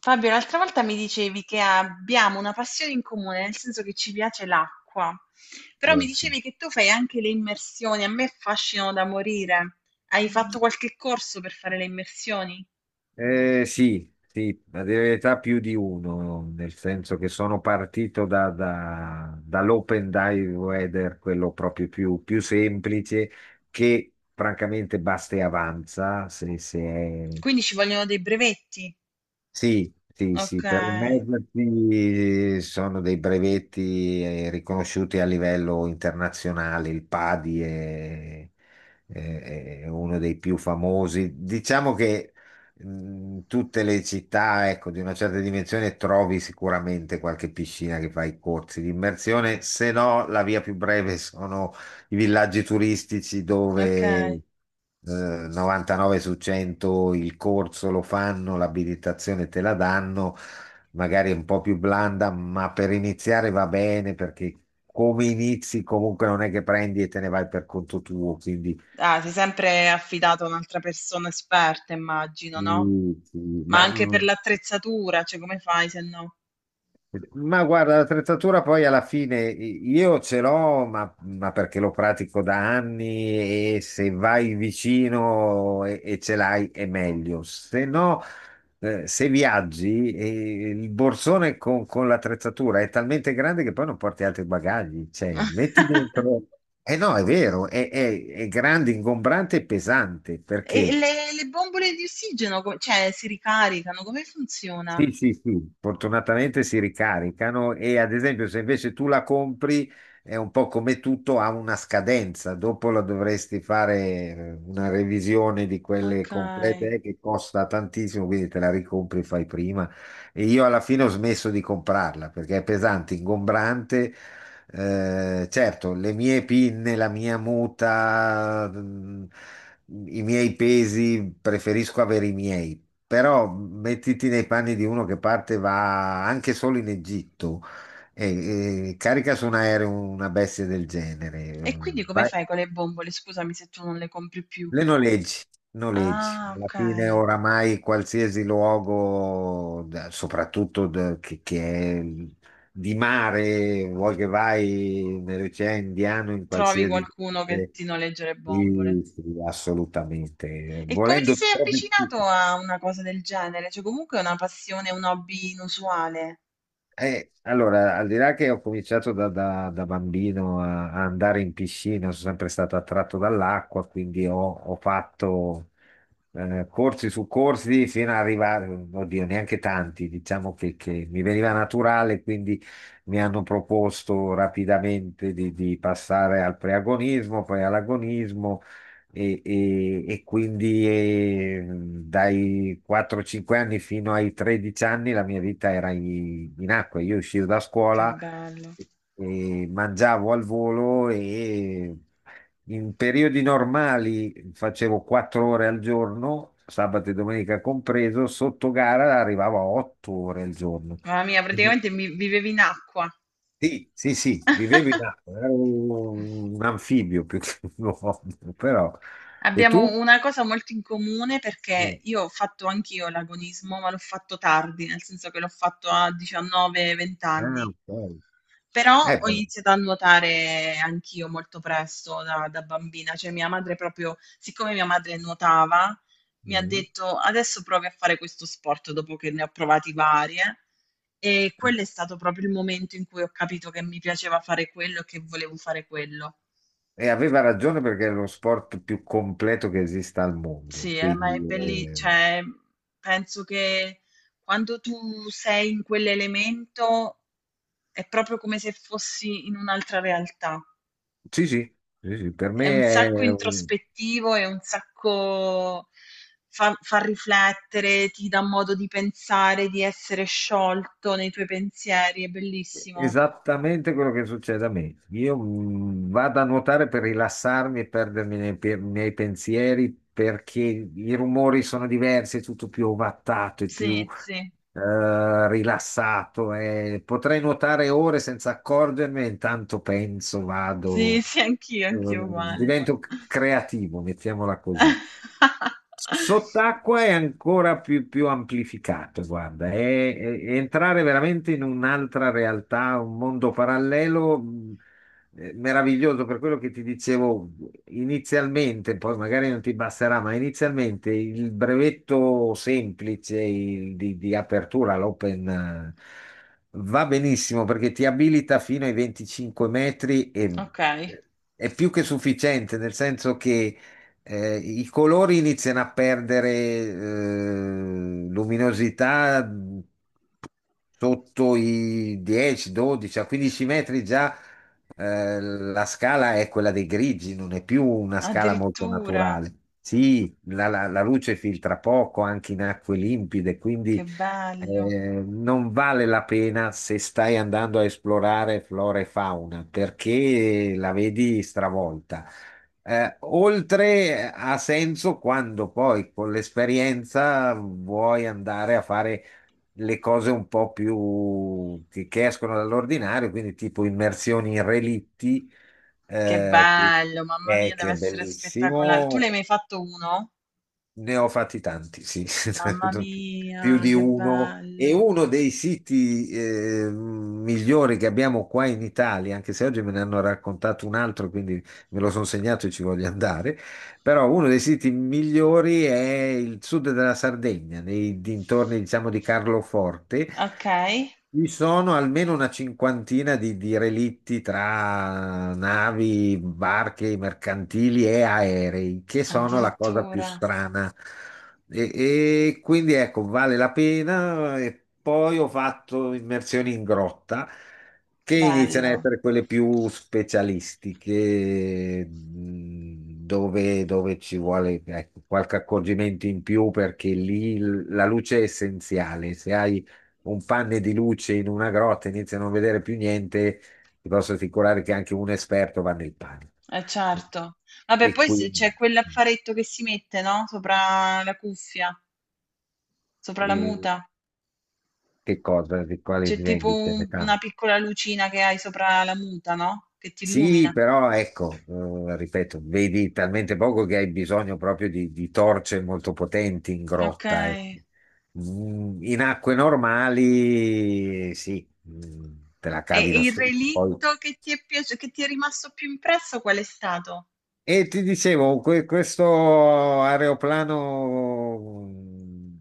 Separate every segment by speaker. Speaker 1: Fabio, l'altra volta mi dicevi che abbiamo una passione in comune, nel senso che ci piace l'acqua, però mi
Speaker 2: No, sì.
Speaker 1: dicevi che tu fai anche le immersioni, a me affascinano da morire. Hai fatto qualche corso per fare le immersioni?
Speaker 2: Sì, sì, a dire la verità più di uno, nel senso che sono partito dall'open dive weather, quello proprio più semplice, che francamente basta e avanza se è.
Speaker 1: Quindi ci vogliono dei brevetti.
Speaker 2: Sì, sì,
Speaker 1: Ok,
Speaker 2: sì, per immergersi sono dei brevetti riconosciuti a livello internazionale, il PADI è uno dei più famosi. Diciamo che tutte le città, ecco, di una certa dimensione trovi sicuramente qualche piscina che fa i corsi di immersione, se no la via più breve i villaggi turistici
Speaker 1: ok.
Speaker 2: dove 99 su 100 il corso lo fanno, l'abilitazione te la danno, magari è un po' più blanda, ma per iniziare va bene perché come inizi comunque non è che prendi e te ne vai per conto tuo, quindi
Speaker 1: Ah, sei sempre affidato a un'altra persona esperta, immagino, no?
Speaker 2: mm, sì,
Speaker 1: Ma
Speaker 2: ma
Speaker 1: anche per
Speaker 2: mm,
Speaker 1: l'attrezzatura, cioè come fai se no?
Speaker 2: ma guarda, l'attrezzatura poi alla fine io ce l'ho, ma perché lo pratico da anni e se vai vicino e ce l'hai è meglio. Se no, se viaggi, il borsone con l'attrezzatura è talmente grande che poi non porti altri bagagli. Cioè, metti dentro. Eh no, è vero, è grande, ingombrante e pesante
Speaker 1: E
Speaker 2: perché.
Speaker 1: le bombole di ossigeno co cioè si ricaricano? Come funziona?
Speaker 2: Sì, sì, sì, fortunatamente si ricaricano e ad esempio se invece tu la compri è un po' come tutto, ha una scadenza, dopo la dovresti fare una revisione di quelle
Speaker 1: Okay.
Speaker 2: complete che costa tantissimo, quindi te la ricompri e fai prima. E io alla fine ho smesso di comprarla perché è pesante, ingombrante. Certo, le mie pinne, la mia muta, i miei pesi, preferisco avere i miei. Però mettiti nei panni di uno che parte, va anche solo in Egitto e carica su un aereo una bestia del genere.
Speaker 1: E quindi come
Speaker 2: Vai-
Speaker 1: fai con le bombole? Scusami se tu non le compri più.
Speaker 2: le noleggi, noleggi.
Speaker 1: Ah,
Speaker 2: Alla fine
Speaker 1: okay.
Speaker 2: oramai qualsiasi luogo, soprattutto che è di mare, vuoi che vai nell'Oceano Indiano, in
Speaker 1: Trovi
Speaker 2: qualsiasi.
Speaker 1: qualcuno che ti noleggia le bombole.
Speaker 2: Sì, sì, assolutamente.
Speaker 1: E come ti
Speaker 2: Volendo
Speaker 1: sei
Speaker 2: proprio.
Speaker 1: avvicinato a una cosa del genere? Cioè comunque è una passione, un hobby inusuale.
Speaker 2: Allora, al di là che ho cominciato da bambino a andare in piscina, sono sempre stato attratto dall'acqua, quindi ho fatto corsi su corsi fino ad arrivare, oddio, neanche tanti, diciamo che mi veniva naturale, quindi mi hanno proposto rapidamente di passare al preagonismo, poi all'agonismo e quindi dai 4-5 anni fino ai 13 anni la mia vita era in acqua. Io uscivo da
Speaker 1: Che
Speaker 2: scuola
Speaker 1: bello.
Speaker 2: e mangiavo al volo e in periodi normali facevo 4 ore al giorno, sabato e domenica compreso, sotto gara arrivavo a 8 ore al giorno.
Speaker 1: Mamma mia,
Speaker 2: Quindi-
Speaker 1: praticamente mi vivevi in acqua.
Speaker 2: Sì, sì, sì, vivevo in acqua, ero un anfibio più che un uomo, però. E tu?
Speaker 1: Abbiamo una cosa molto in comune perché
Speaker 2: Eh,
Speaker 1: io ho fatto anch'io l'agonismo, ma l'ho fatto tardi, nel senso che l'ho fatto a 19-20
Speaker 2: ah,
Speaker 1: anni.
Speaker 2: ok.
Speaker 1: Però ho
Speaker 2: Però,
Speaker 1: iniziato a nuotare anch'io molto presto da bambina, cioè mia madre proprio, siccome mia madre nuotava, mi ha
Speaker 2: mm.
Speaker 1: detto adesso provi a fare questo sport dopo che ne ho provati varie. E quello è stato proprio il momento in cui ho capito che mi piaceva fare quello e che volevo fare quello.
Speaker 2: E aveva ragione perché è lo sport più completo che esista al mondo.
Speaker 1: Sì, ma è
Speaker 2: Quindi,
Speaker 1: belli cioè, penso che quando tu sei in quell'elemento è proprio come se fossi in un'altra realtà.
Speaker 2: sì, sì, sì, sì, per me
Speaker 1: È un sacco
Speaker 2: è
Speaker 1: introspettivo, è un sacco fa riflettere, ti dà modo di pensare, di essere sciolto nei tuoi pensieri, è bellissimo.
Speaker 2: Esattamente quello che succede a me. Io vado a nuotare per rilassarmi e perdermi nei pensieri perché i rumori sono diversi, è tutto più ovattato e più
Speaker 1: Sì, sì,
Speaker 2: rilassato. E potrei nuotare ore senza accorgermene, intanto penso,
Speaker 1: sì,
Speaker 2: vado,
Speaker 1: sì, anch'io, anch'io uguale.
Speaker 2: divento creativo, mettiamola così. Sott'acqua è ancora più amplificato, guarda, è entrare veramente in un'altra realtà, un mondo parallelo meraviglioso, per quello che ti dicevo inizialmente, poi magari non ti basterà, ma inizialmente il brevetto semplice il di apertura, l'open, va benissimo perché ti abilita fino ai 25 metri e
Speaker 1: Ok,
Speaker 2: è più che sufficiente, nel senso che i colori iniziano a perdere luminosità sotto i 10, 12, a 15 metri già la scala è quella dei grigi, non è più una scala molto
Speaker 1: addirittura.
Speaker 2: naturale. Sì, la luce filtra poco anche in acque limpide,
Speaker 1: Che
Speaker 2: quindi
Speaker 1: bello,
Speaker 2: eh, non vale la pena se stai andando a esplorare flora e fauna perché la vedi stravolta. Oltre ha senso quando poi con l'esperienza vuoi andare a fare le cose un po' più che escono dall'ordinario, quindi tipo immersioni in relitti,
Speaker 1: che
Speaker 2: eh, che,
Speaker 1: bello, mamma mia, deve
Speaker 2: che è
Speaker 1: essere spettacolare. Tu ne hai
Speaker 2: bellissimo,
Speaker 1: mai fatto uno?
Speaker 2: ne ho fatti tanti, sì,
Speaker 1: Mamma
Speaker 2: più
Speaker 1: mia,
Speaker 2: di
Speaker 1: che
Speaker 2: uno. E
Speaker 1: bello.
Speaker 2: uno dei siti migliori che abbiamo qua in Italia, anche se oggi me ne hanno raccontato un altro, quindi me lo sono segnato e ci voglio andare, però uno dei siti migliori è il sud della Sardegna, nei dintorni, diciamo, di Carloforte.
Speaker 1: Ok,
Speaker 2: Ci sono almeno una cinquantina di relitti tra navi, barche, mercantili e aerei, che sono la cosa più
Speaker 1: addirittura.
Speaker 2: strana. E quindi ecco, vale la pena. E poi ho fatto immersioni in grotta, che iniziano a
Speaker 1: Bello,
Speaker 2: essere quelle più specialistiche, dove ci vuole, ecco, qualche accorgimento in più, perché lì la luce è essenziale. Se hai un panne di luce in una grotta, inizi a non vedere più niente, ti posso assicurare che anche un esperto va nel panico.
Speaker 1: eh certo. Vabbè,
Speaker 2: E
Speaker 1: poi se c'è
Speaker 2: quindi,
Speaker 1: quell'affaretto che si mette, no? Sopra la cuffia, sopra la
Speaker 2: eh,
Speaker 1: muta.
Speaker 2: che cosa, di quale
Speaker 1: C'è tipo
Speaker 2: vendite ne parli?
Speaker 1: una piccola lucina che hai sopra la muta, no? Che ti illumina.
Speaker 2: Sì, però ecco, ripeto, vedi talmente poco che hai bisogno proprio di torce molto potenti in
Speaker 1: Ok.
Speaker 2: grotta. Ecco. In acque normali, sì, te la
Speaker 1: E
Speaker 2: cavi lo
Speaker 1: il
Speaker 2: stesso. Poi
Speaker 1: relitto che ti è piaciuto, che ti è rimasto più impresso, qual è stato?
Speaker 2: e ti dicevo, questo aeroplano mh,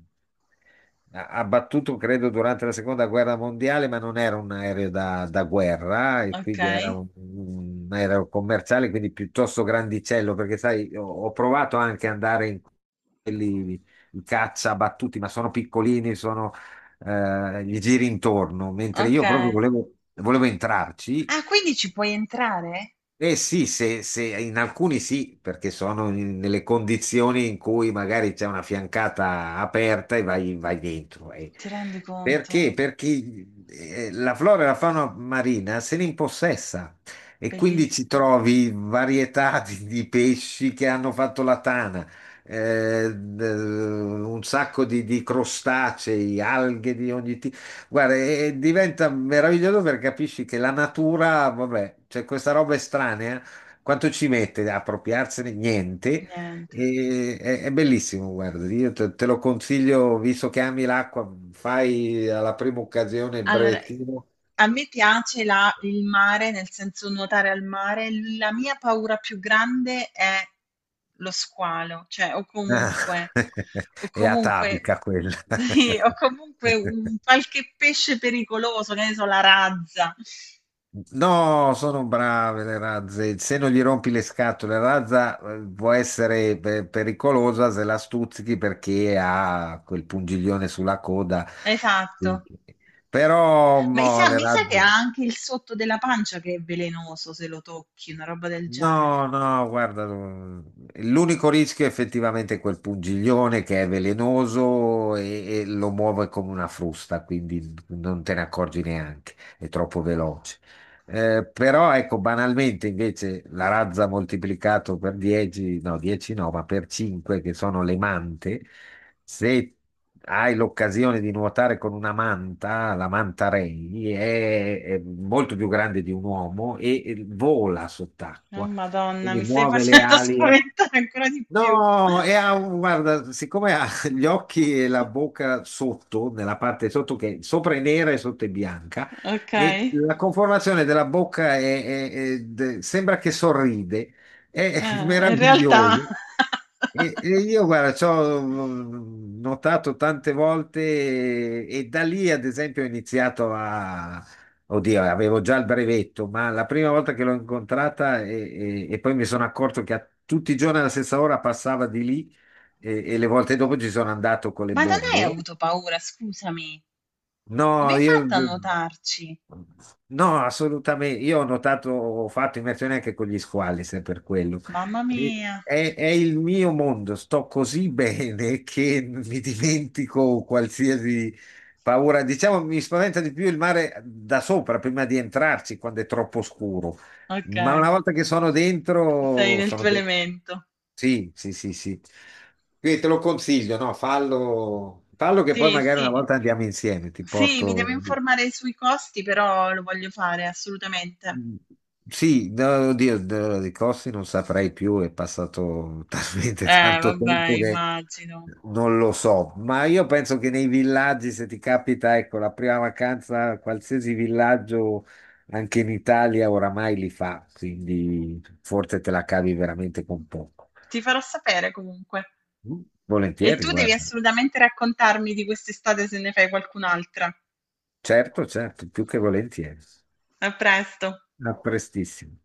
Speaker 2: a- abbattuto credo durante la seconda guerra mondiale, ma non era un aereo da guerra, e quindi era
Speaker 1: Okay,
Speaker 2: un aereo commerciale, quindi piuttosto grandicello, perché sai, ho provato anche ad andare in quelli, i caccia abbattuti, ma sono piccolini, sono, gli giri intorno, mentre io proprio
Speaker 1: okay.
Speaker 2: volevo, volevo entrarci.
Speaker 1: Ah, quindi ci puoi entrare?
Speaker 2: Eh sì, in alcuni sì, perché sono nelle condizioni in cui magari c'è una fiancata aperta e vai dentro. Eh.
Speaker 1: Ti rendi conto?
Speaker 2: Perché? Perché la flora e la fauna marina se ne impossessa e quindi ci
Speaker 1: Bellissimo.
Speaker 2: trovi varietà di pesci che hanno fatto la tana, un sacco di crostacei, alghe di ogni. Guarda, e diventa meraviglioso perché capisci che la natura, vabbè, c'è questa roba estranea, quanto ci mette a appropriarsene? Niente.
Speaker 1: Niente.
Speaker 2: È bellissimo, guarda, io te lo consiglio, visto che ami l'acqua, fai alla prima occasione il
Speaker 1: Allora,
Speaker 2: brevettino.
Speaker 1: a me piace la il mare, nel senso nuotare al mare. La mia paura più grande è lo squalo, cioè
Speaker 2: Ah,
Speaker 1: o
Speaker 2: è
Speaker 1: comunque
Speaker 2: atavica quella.
Speaker 1: sì, o comunque un qualche pesce pericoloso, che ne so, la razza.
Speaker 2: No, sono brave le razze. Se non gli rompi le scatole, la razza può essere pericolosa se la stuzzichi perché ha quel pungiglione sulla coda.
Speaker 1: Esatto.
Speaker 2: Però
Speaker 1: Ma
Speaker 2: mo,
Speaker 1: i sa
Speaker 2: le
Speaker 1: mi sa che
Speaker 2: razze.
Speaker 1: ha anche il sotto della pancia che è velenoso se lo tocchi, una roba del genere.
Speaker 2: No, no, guarda, l'unico rischio è effettivamente quel pungiglione che è velenoso e lo muove come una frusta, quindi non te ne accorgi neanche, è troppo veloce. Però ecco, banalmente invece la razza moltiplicato per 10, no, 10 no, ma per 5 che sono le mante, se hai l'occasione di nuotare con una manta, la manta Ray è molto più grande di un uomo e vola
Speaker 1: Oh
Speaker 2: sott'acqua,
Speaker 1: Madonna,
Speaker 2: quindi
Speaker 1: mi stai
Speaker 2: muove le
Speaker 1: facendo
Speaker 2: ali. Eh.
Speaker 1: spaventare ancora di più.
Speaker 2: No, e ha, guarda, siccome ha gli occhi e la bocca sotto, nella parte sotto che sopra è nera e sotto è bianca,
Speaker 1: Ok,
Speaker 2: e la conformazione della bocca sembra che sorride, è
Speaker 1: in realtà.
Speaker 2: meraviglioso. E io, guarda, ci ho notato tante volte e da lì, ad esempio, ho iniziato a. Oddio, avevo già il brevetto, ma la prima volta che l'ho incontrata e poi mi sono accorto che a tutti i giorni alla stessa ora passava di lì e le volte dopo ci sono andato con le
Speaker 1: Ma da lei ha
Speaker 2: bombole.
Speaker 1: avuto paura, scusami. Come
Speaker 2: No,
Speaker 1: hai
Speaker 2: io
Speaker 1: fatto a notarci?
Speaker 2: no, assolutamente. Io ho notato, ho fatto immersione anche con gli squali, se per quello.
Speaker 1: Mamma
Speaker 2: E-
Speaker 1: mia.
Speaker 2: è il mio mondo, sto così bene che mi dimentico qualsiasi paura. Diciamo, mi spaventa di più il mare da sopra prima di entrarci quando è troppo scuro.
Speaker 1: Ok,
Speaker 2: Ma una volta che sono
Speaker 1: sei
Speaker 2: dentro,
Speaker 1: nel
Speaker 2: sono
Speaker 1: tuo elemento.
Speaker 2: sì, sì, sì, sì. Quindi te lo consiglio, no? Fallo, fallo che poi
Speaker 1: Sì,
Speaker 2: magari una
Speaker 1: sì.
Speaker 2: volta andiamo insieme, ti
Speaker 1: Sì, mi devo
Speaker 2: porto.
Speaker 1: informare sui costi, però lo voglio fare assolutamente.
Speaker 2: Mm, sì, no, oddio, no, di costi non saprei più, è passato talmente tanto
Speaker 1: Vabbè,
Speaker 2: tempo che
Speaker 1: immagino.
Speaker 2: non lo so, ma io penso che nei villaggi, se ti capita, ecco, la prima vacanza, qualsiasi villaggio, anche in Italia, oramai li fa, quindi forse te la cavi veramente con poco.
Speaker 1: Ti farò sapere comunque.
Speaker 2: Mm,
Speaker 1: E
Speaker 2: volentieri,
Speaker 1: tu devi
Speaker 2: guarda.
Speaker 1: assolutamente raccontarmi di quest'estate se ne fai qualcun'altra.
Speaker 2: Certo, certo, più che volentieri.
Speaker 1: A presto.
Speaker 2: A prestissimo.